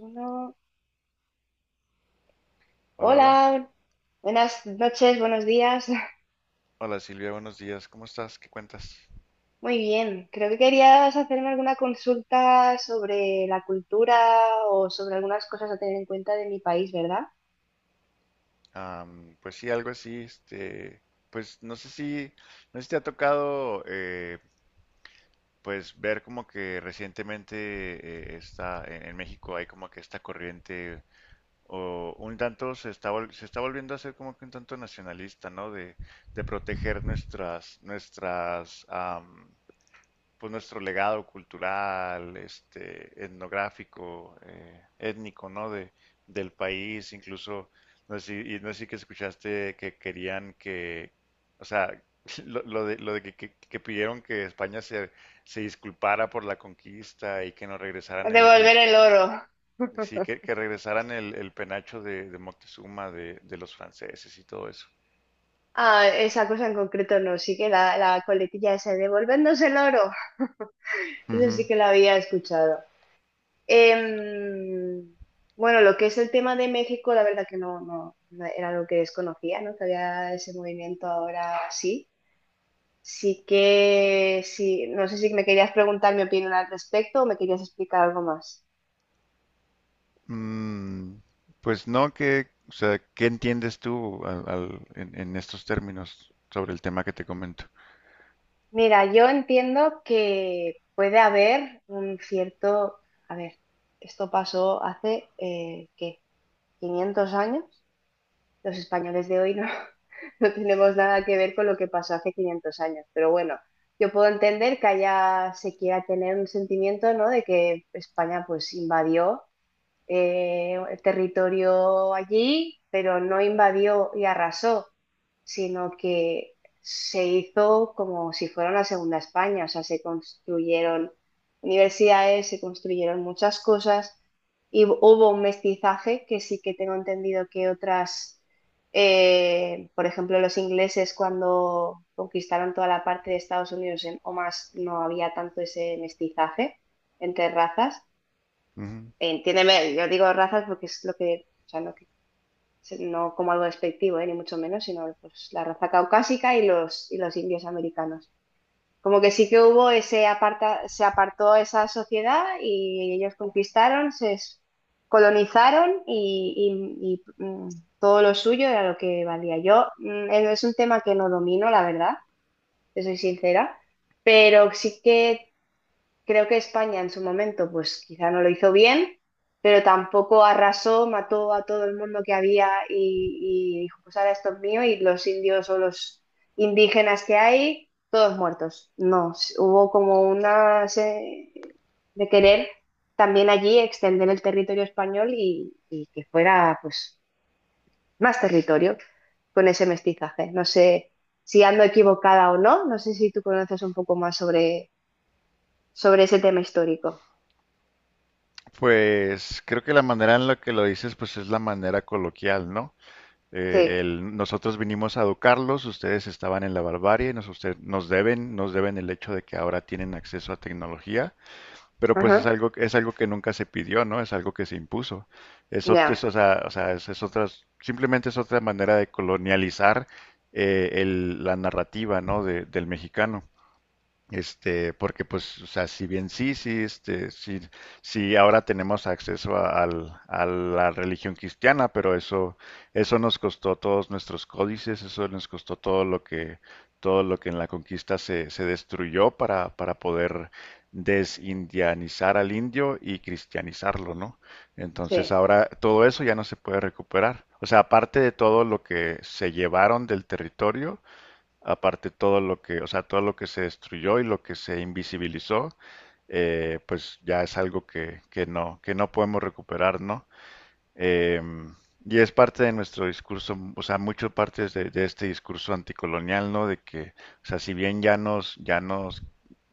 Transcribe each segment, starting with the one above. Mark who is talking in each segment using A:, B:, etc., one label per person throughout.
A: Uno.
B: Hola, hola.
A: Hola, buenas noches, buenos días.
B: Hola Silvia, buenos días. ¿Cómo estás? ¿Qué cuentas?
A: Muy bien, creo que querías hacerme alguna consulta sobre la cultura o sobre algunas cosas a tener en cuenta de mi país, ¿verdad?
B: Pues sí, algo así, pues no sé no sé si te ha tocado, pues ver como que recientemente está en México hay como que esta corriente o un tanto se está se está volviendo a ser como que un tanto nacionalista, ¿no? De proteger nuestras pues nuestro legado cultural, este, etnográfico, étnico, ¿no? Del país, incluso, no sé, no sé si que escuchaste que querían que, o sea, lo de que, que pidieron que España se disculpara por la conquista y que nos regresaran el-
A: Devolver el oro.
B: sí, que regresaran el penacho de Moctezuma, de los franceses y todo eso.
A: Ah, esa cosa en concreto no, sí que la coletilla esa, de devolvernos el oro. Eso sí que la había escuchado. Em, bueno, lo que es el tema de México, la verdad que no era algo que desconocía, ¿no? Que había ese movimiento ahora sí. Sí que, sí, no sé si me querías preguntar mi opinión al respecto o me querías explicar algo más.
B: Mm, pues no, que, o sea, ¿qué entiendes tú en estos términos sobre el tema que te comento?
A: Mira, yo entiendo que puede haber un cierto, a ver, esto pasó hace, ¿qué? 500 años. Los españoles de hoy no, no tenemos nada que ver con lo que pasó hace 500 años, pero bueno, yo puedo entender que allá se quiera tener un sentimiento, ¿no? De que España pues invadió. El territorio allí, pero no invadió y arrasó, sino que se hizo como si fuera una segunda España, o sea, se construyeron universidades, se construyeron muchas cosas y hubo un mestizaje que sí que tengo entendido que otras, por ejemplo, los ingleses cuando conquistaron toda la parte de Estados Unidos o más, no había tanto ese mestizaje entre razas.
B: Ujú.
A: Entiéndeme, yo digo razas porque es lo que, o sea, no como algo despectivo, ni mucho menos, sino pues, la raza caucásica y y los indios americanos. Como que sí que hubo ese aparta, se apartó esa sociedad y ellos conquistaron, colonizaron y todo lo suyo era lo que valía. Yo es un tema que no domino, la verdad, te soy sincera, pero sí que creo que España en su momento, pues quizá no lo hizo bien, pero tampoco arrasó, mató a todo el mundo que había y dijo, pues ahora esto es mío y los indios o los indígenas que hay, todos muertos. No, hubo como de querer también allí extender el territorio español y que fuera pues más territorio con ese mestizaje. No sé si ando equivocada o no, no sé si tú conoces un poco más sobre, sobre ese tema histórico.
B: Pues creo que la manera en la que lo dices, pues es la manera coloquial, ¿no?
A: Sí,
B: El, nosotros vinimos a educarlos, ustedes estaban en la barbarie, nos, nos deben el hecho de que ahora tienen acceso a tecnología. Pero pues
A: ajá,
B: es algo que nunca se pidió, ¿no? Es algo que se impuso. Eso,
A: ya,
B: o sea, es otra, simplemente es otra manera de colonializar la narrativa, ¿no? Del mexicano. Este, porque pues, o sea, si bien sí, sí, este, sí, sí, ahora tenemos acceso a la religión cristiana, pero eso nos costó todos nuestros códices, eso nos costó todo lo que en la conquista se destruyó para poder desindianizar al indio y cristianizarlo, ¿no? Entonces
A: sí,
B: ahora todo eso ya no se puede recuperar. O sea, aparte de todo lo que se llevaron del territorio, aparte todo lo que, o sea, todo lo que se destruyó y lo que se invisibilizó, pues ya es algo que no podemos recuperar, ¿no? Em, y es parte de nuestro discurso, o sea, mucho parte de este discurso anticolonial, ¿no? De que, o sea, si bien ya nos,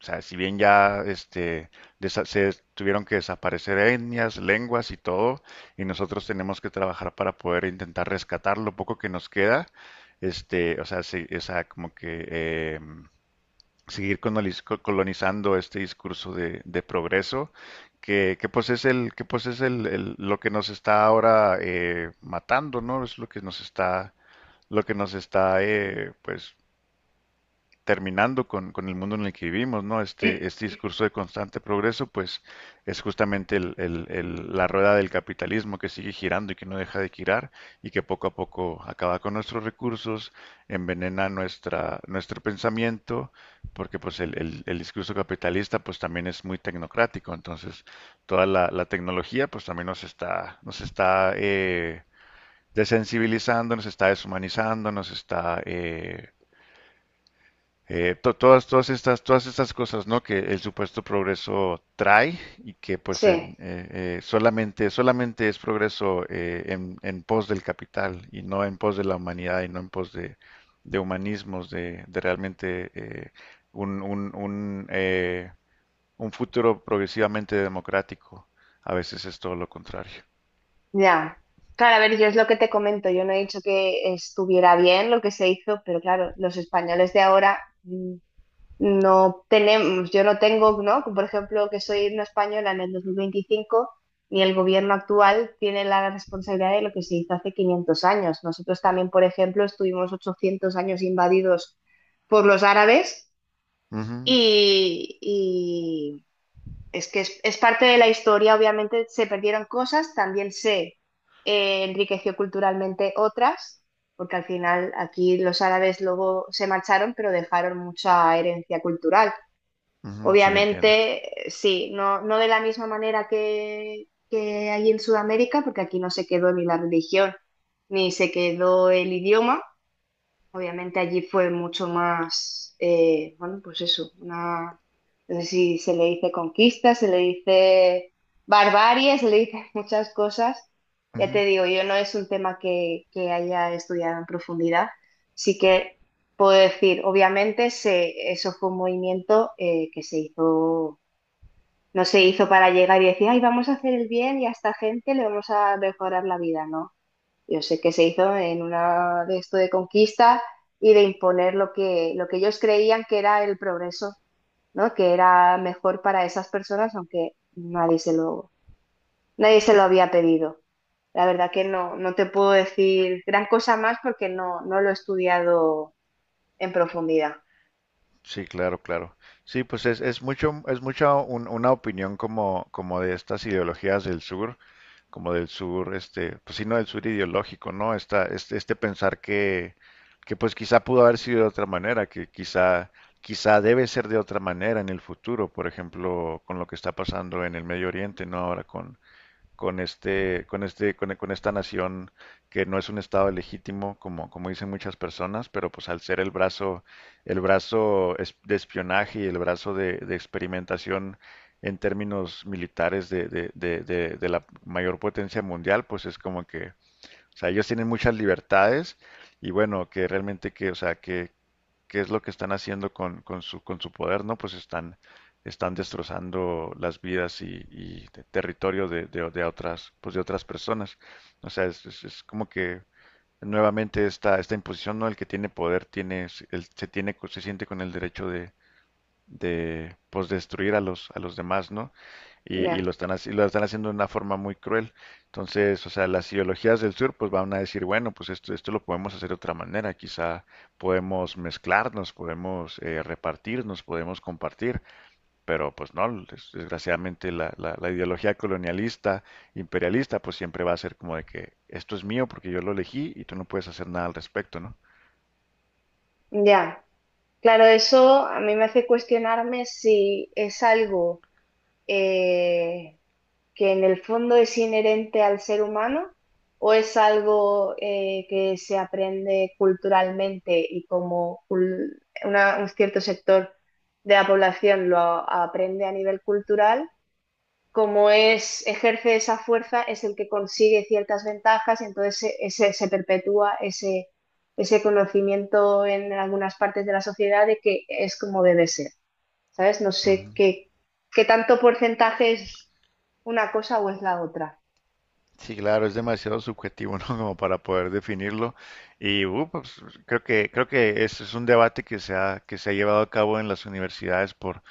B: o sea, si bien ya este, se tuvieron que desaparecer etnias, lenguas y todo, y nosotros tenemos que trabajar para poder intentar rescatar lo poco que nos queda, este, o sea, o sea, como que seguir colonizando este discurso de progreso, que pues es el, que pues es el, lo que nos está ahora matando, ¿no? Es lo que nos está, lo que nos está, pues terminando con el mundo en el que vivimos, ¿no? Este, este discurso de constante progreso, pues es justamente la rueda del capitalismo que sigue girando y que no deja de girar y que poco a poco acaba con nuestros recursos, envenena nuestra, nuestro pensamiento, porque pues el, el discurso capitalista pues también es muy tecnocrático, entonces toda la tecnología pues también nos está desensibilizando, nos está deshumanizando, nos está... to- todas, todas estas cosas, ¿no? Que el supuesto progreso trae y que pues
A: sí,
B: en, solamente, solamente es progreso en pos del capital y no en pos de la humanidad y no en pos de humanismos, de realmente un, un, un, eh, un futuro progresivamente democrático. A veces es todo lo contrario.
A: ya. Claro, a ver, yo es lo que te comento, yo no he dicho que estuviera bien lo que se hizo, pero claro, los españoles de ahora mm, no tenemos, yo no tengo, ¿no? Por ejemplo, que soy una española en el 2025, ni el gobierno actual tiene la responsabilidad de lo que se hizo hace 500 años. Nosotros también, por ejemplo, estuvimos 800 años invadidos por los árabes,
B: Ujú,
A: y es que es parte de la historia, obviamente se perdieron cosas, también se enriqueció culturalmente otras, porque al final aquí los árabes luego se marcharon, pero dejaron mucha herencia cultural.
B: ujú, sí, entiendo.
A: Obviamente, sí, no, no de la misma manera que allí en Sudamérica, porque aquí no se quedó ni la religión, ni se quedó el idioma. Obviamente allí fue mucho más, bueno, pues eso, una, no sé si se le dice conquista, se le dice barbarie, se le dice muchas cosas. Ya
B: Ujú.
A: te digo, yo no es un tema que haya estudiado en profundidad, sí que puedo decir, obviamente se, eso fue un movimiento que se hizo, no se hizo para llegar y decir, ay, vamos a hacer el bien y a esta gente le vamos a mejorar la vida, ¿no? Yo sé que se hizo en una de esto de conquista y de imponer lo que ellos creían que era el progreso, ¿no? Que era mejor para esas personas, aunque nadie se lo, nadie se lo había pedido. La verdad que no, no te puedo decir gran cosa más porque no, no lo he estudiado en profundidad.
B: Sí, claro, claro. Sí, pues es mucho, es mucha una opinión como, como de estas ideologías del sur, como del sur, este, pues sí, no del sur ideológico, ¿no? Esta, este pensar que pues quizá pudo haber sido de otra manera, que quizá, quizá debe ser de otra manera en el futuro, por ejemplo, con lo que está pasando en el Medio Oriente, ¿no? Ahora con este, con este, con esta nación que no es un estado legítimo, como, como dicen muchas personas, pero pues al ser el brazo de espionaje y el brazo de experimentación en términos militares de la mayor potencia mundial, pues es como que, o sea, ellos tienen muchas libertades y bueno, que realmente que, o sea, que, qué es lo que están haciendo con su poder, ¿no? Pues están, están destrozando las vidas y territorio de, de otras, pues de otras personas. O sea, es, es como que nuevamente esta, esta imposición, ¿no? El que tiene poder tiene, se tiene, se siente con el derecho de, pues destruir a los demás, ¿no? Y, y
A: Ya,
B: lo están, lo están haciendo de una forma muy cruel. Entonces, o sea, las ideologías del sur pues van a decir, bueno, pues esto lo podemos hacer de otra manera, quizá podemos mezclarnos, podemos repartirnos, podemos compartir, pero pues no, desgraciadamente la ideología colonialista, imperialista, pues siempre va a ser como de que esto es mío porque yo lo elegí y tú no puedes hacer nada al respecto, ¿no?
A: ya. Claro, eso a mí me hace cuestionarme si es algo eh, que en el fondo es inherente al ser humano o es algo que se aprende culturalmente y como un cierto sector de la población aprende a nivel cultural, como es, ejerce esa fuerza, es el que consigue ciertas ventajas y entonces se perpetúa ese, ese conocimiento en algunas partes de la sociedad de que es como debe ser. ¿Sabes? No sé
B: Ujú.
A: qué, qué tanto porcentaje es una cosa o es la otra.
B: Sí, claro, es demasiado subjetivo, ¿no? Como para poder definirlo. Y pues, creo que ese es un debate que se ha llevado a cabo en las universidades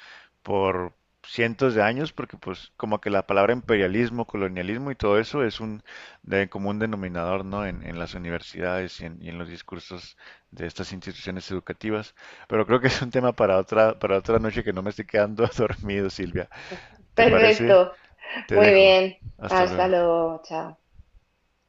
B: por cientos de años, porque pues como que la palabra imperialismo, colonialismo y todo eso es un de común denominador, ¿no? En las universidades y en los discursos de estas instituciones educativas. Pero creo que es un tema para otra noche que no me estoy quedando dormido, Silvia. ¿Te parece?
A: Perfecto,
B: Te
A: muy
B: dejo.
A: bien.
B: Hasta
A: Hasta
B: luego.
A: luego, chao.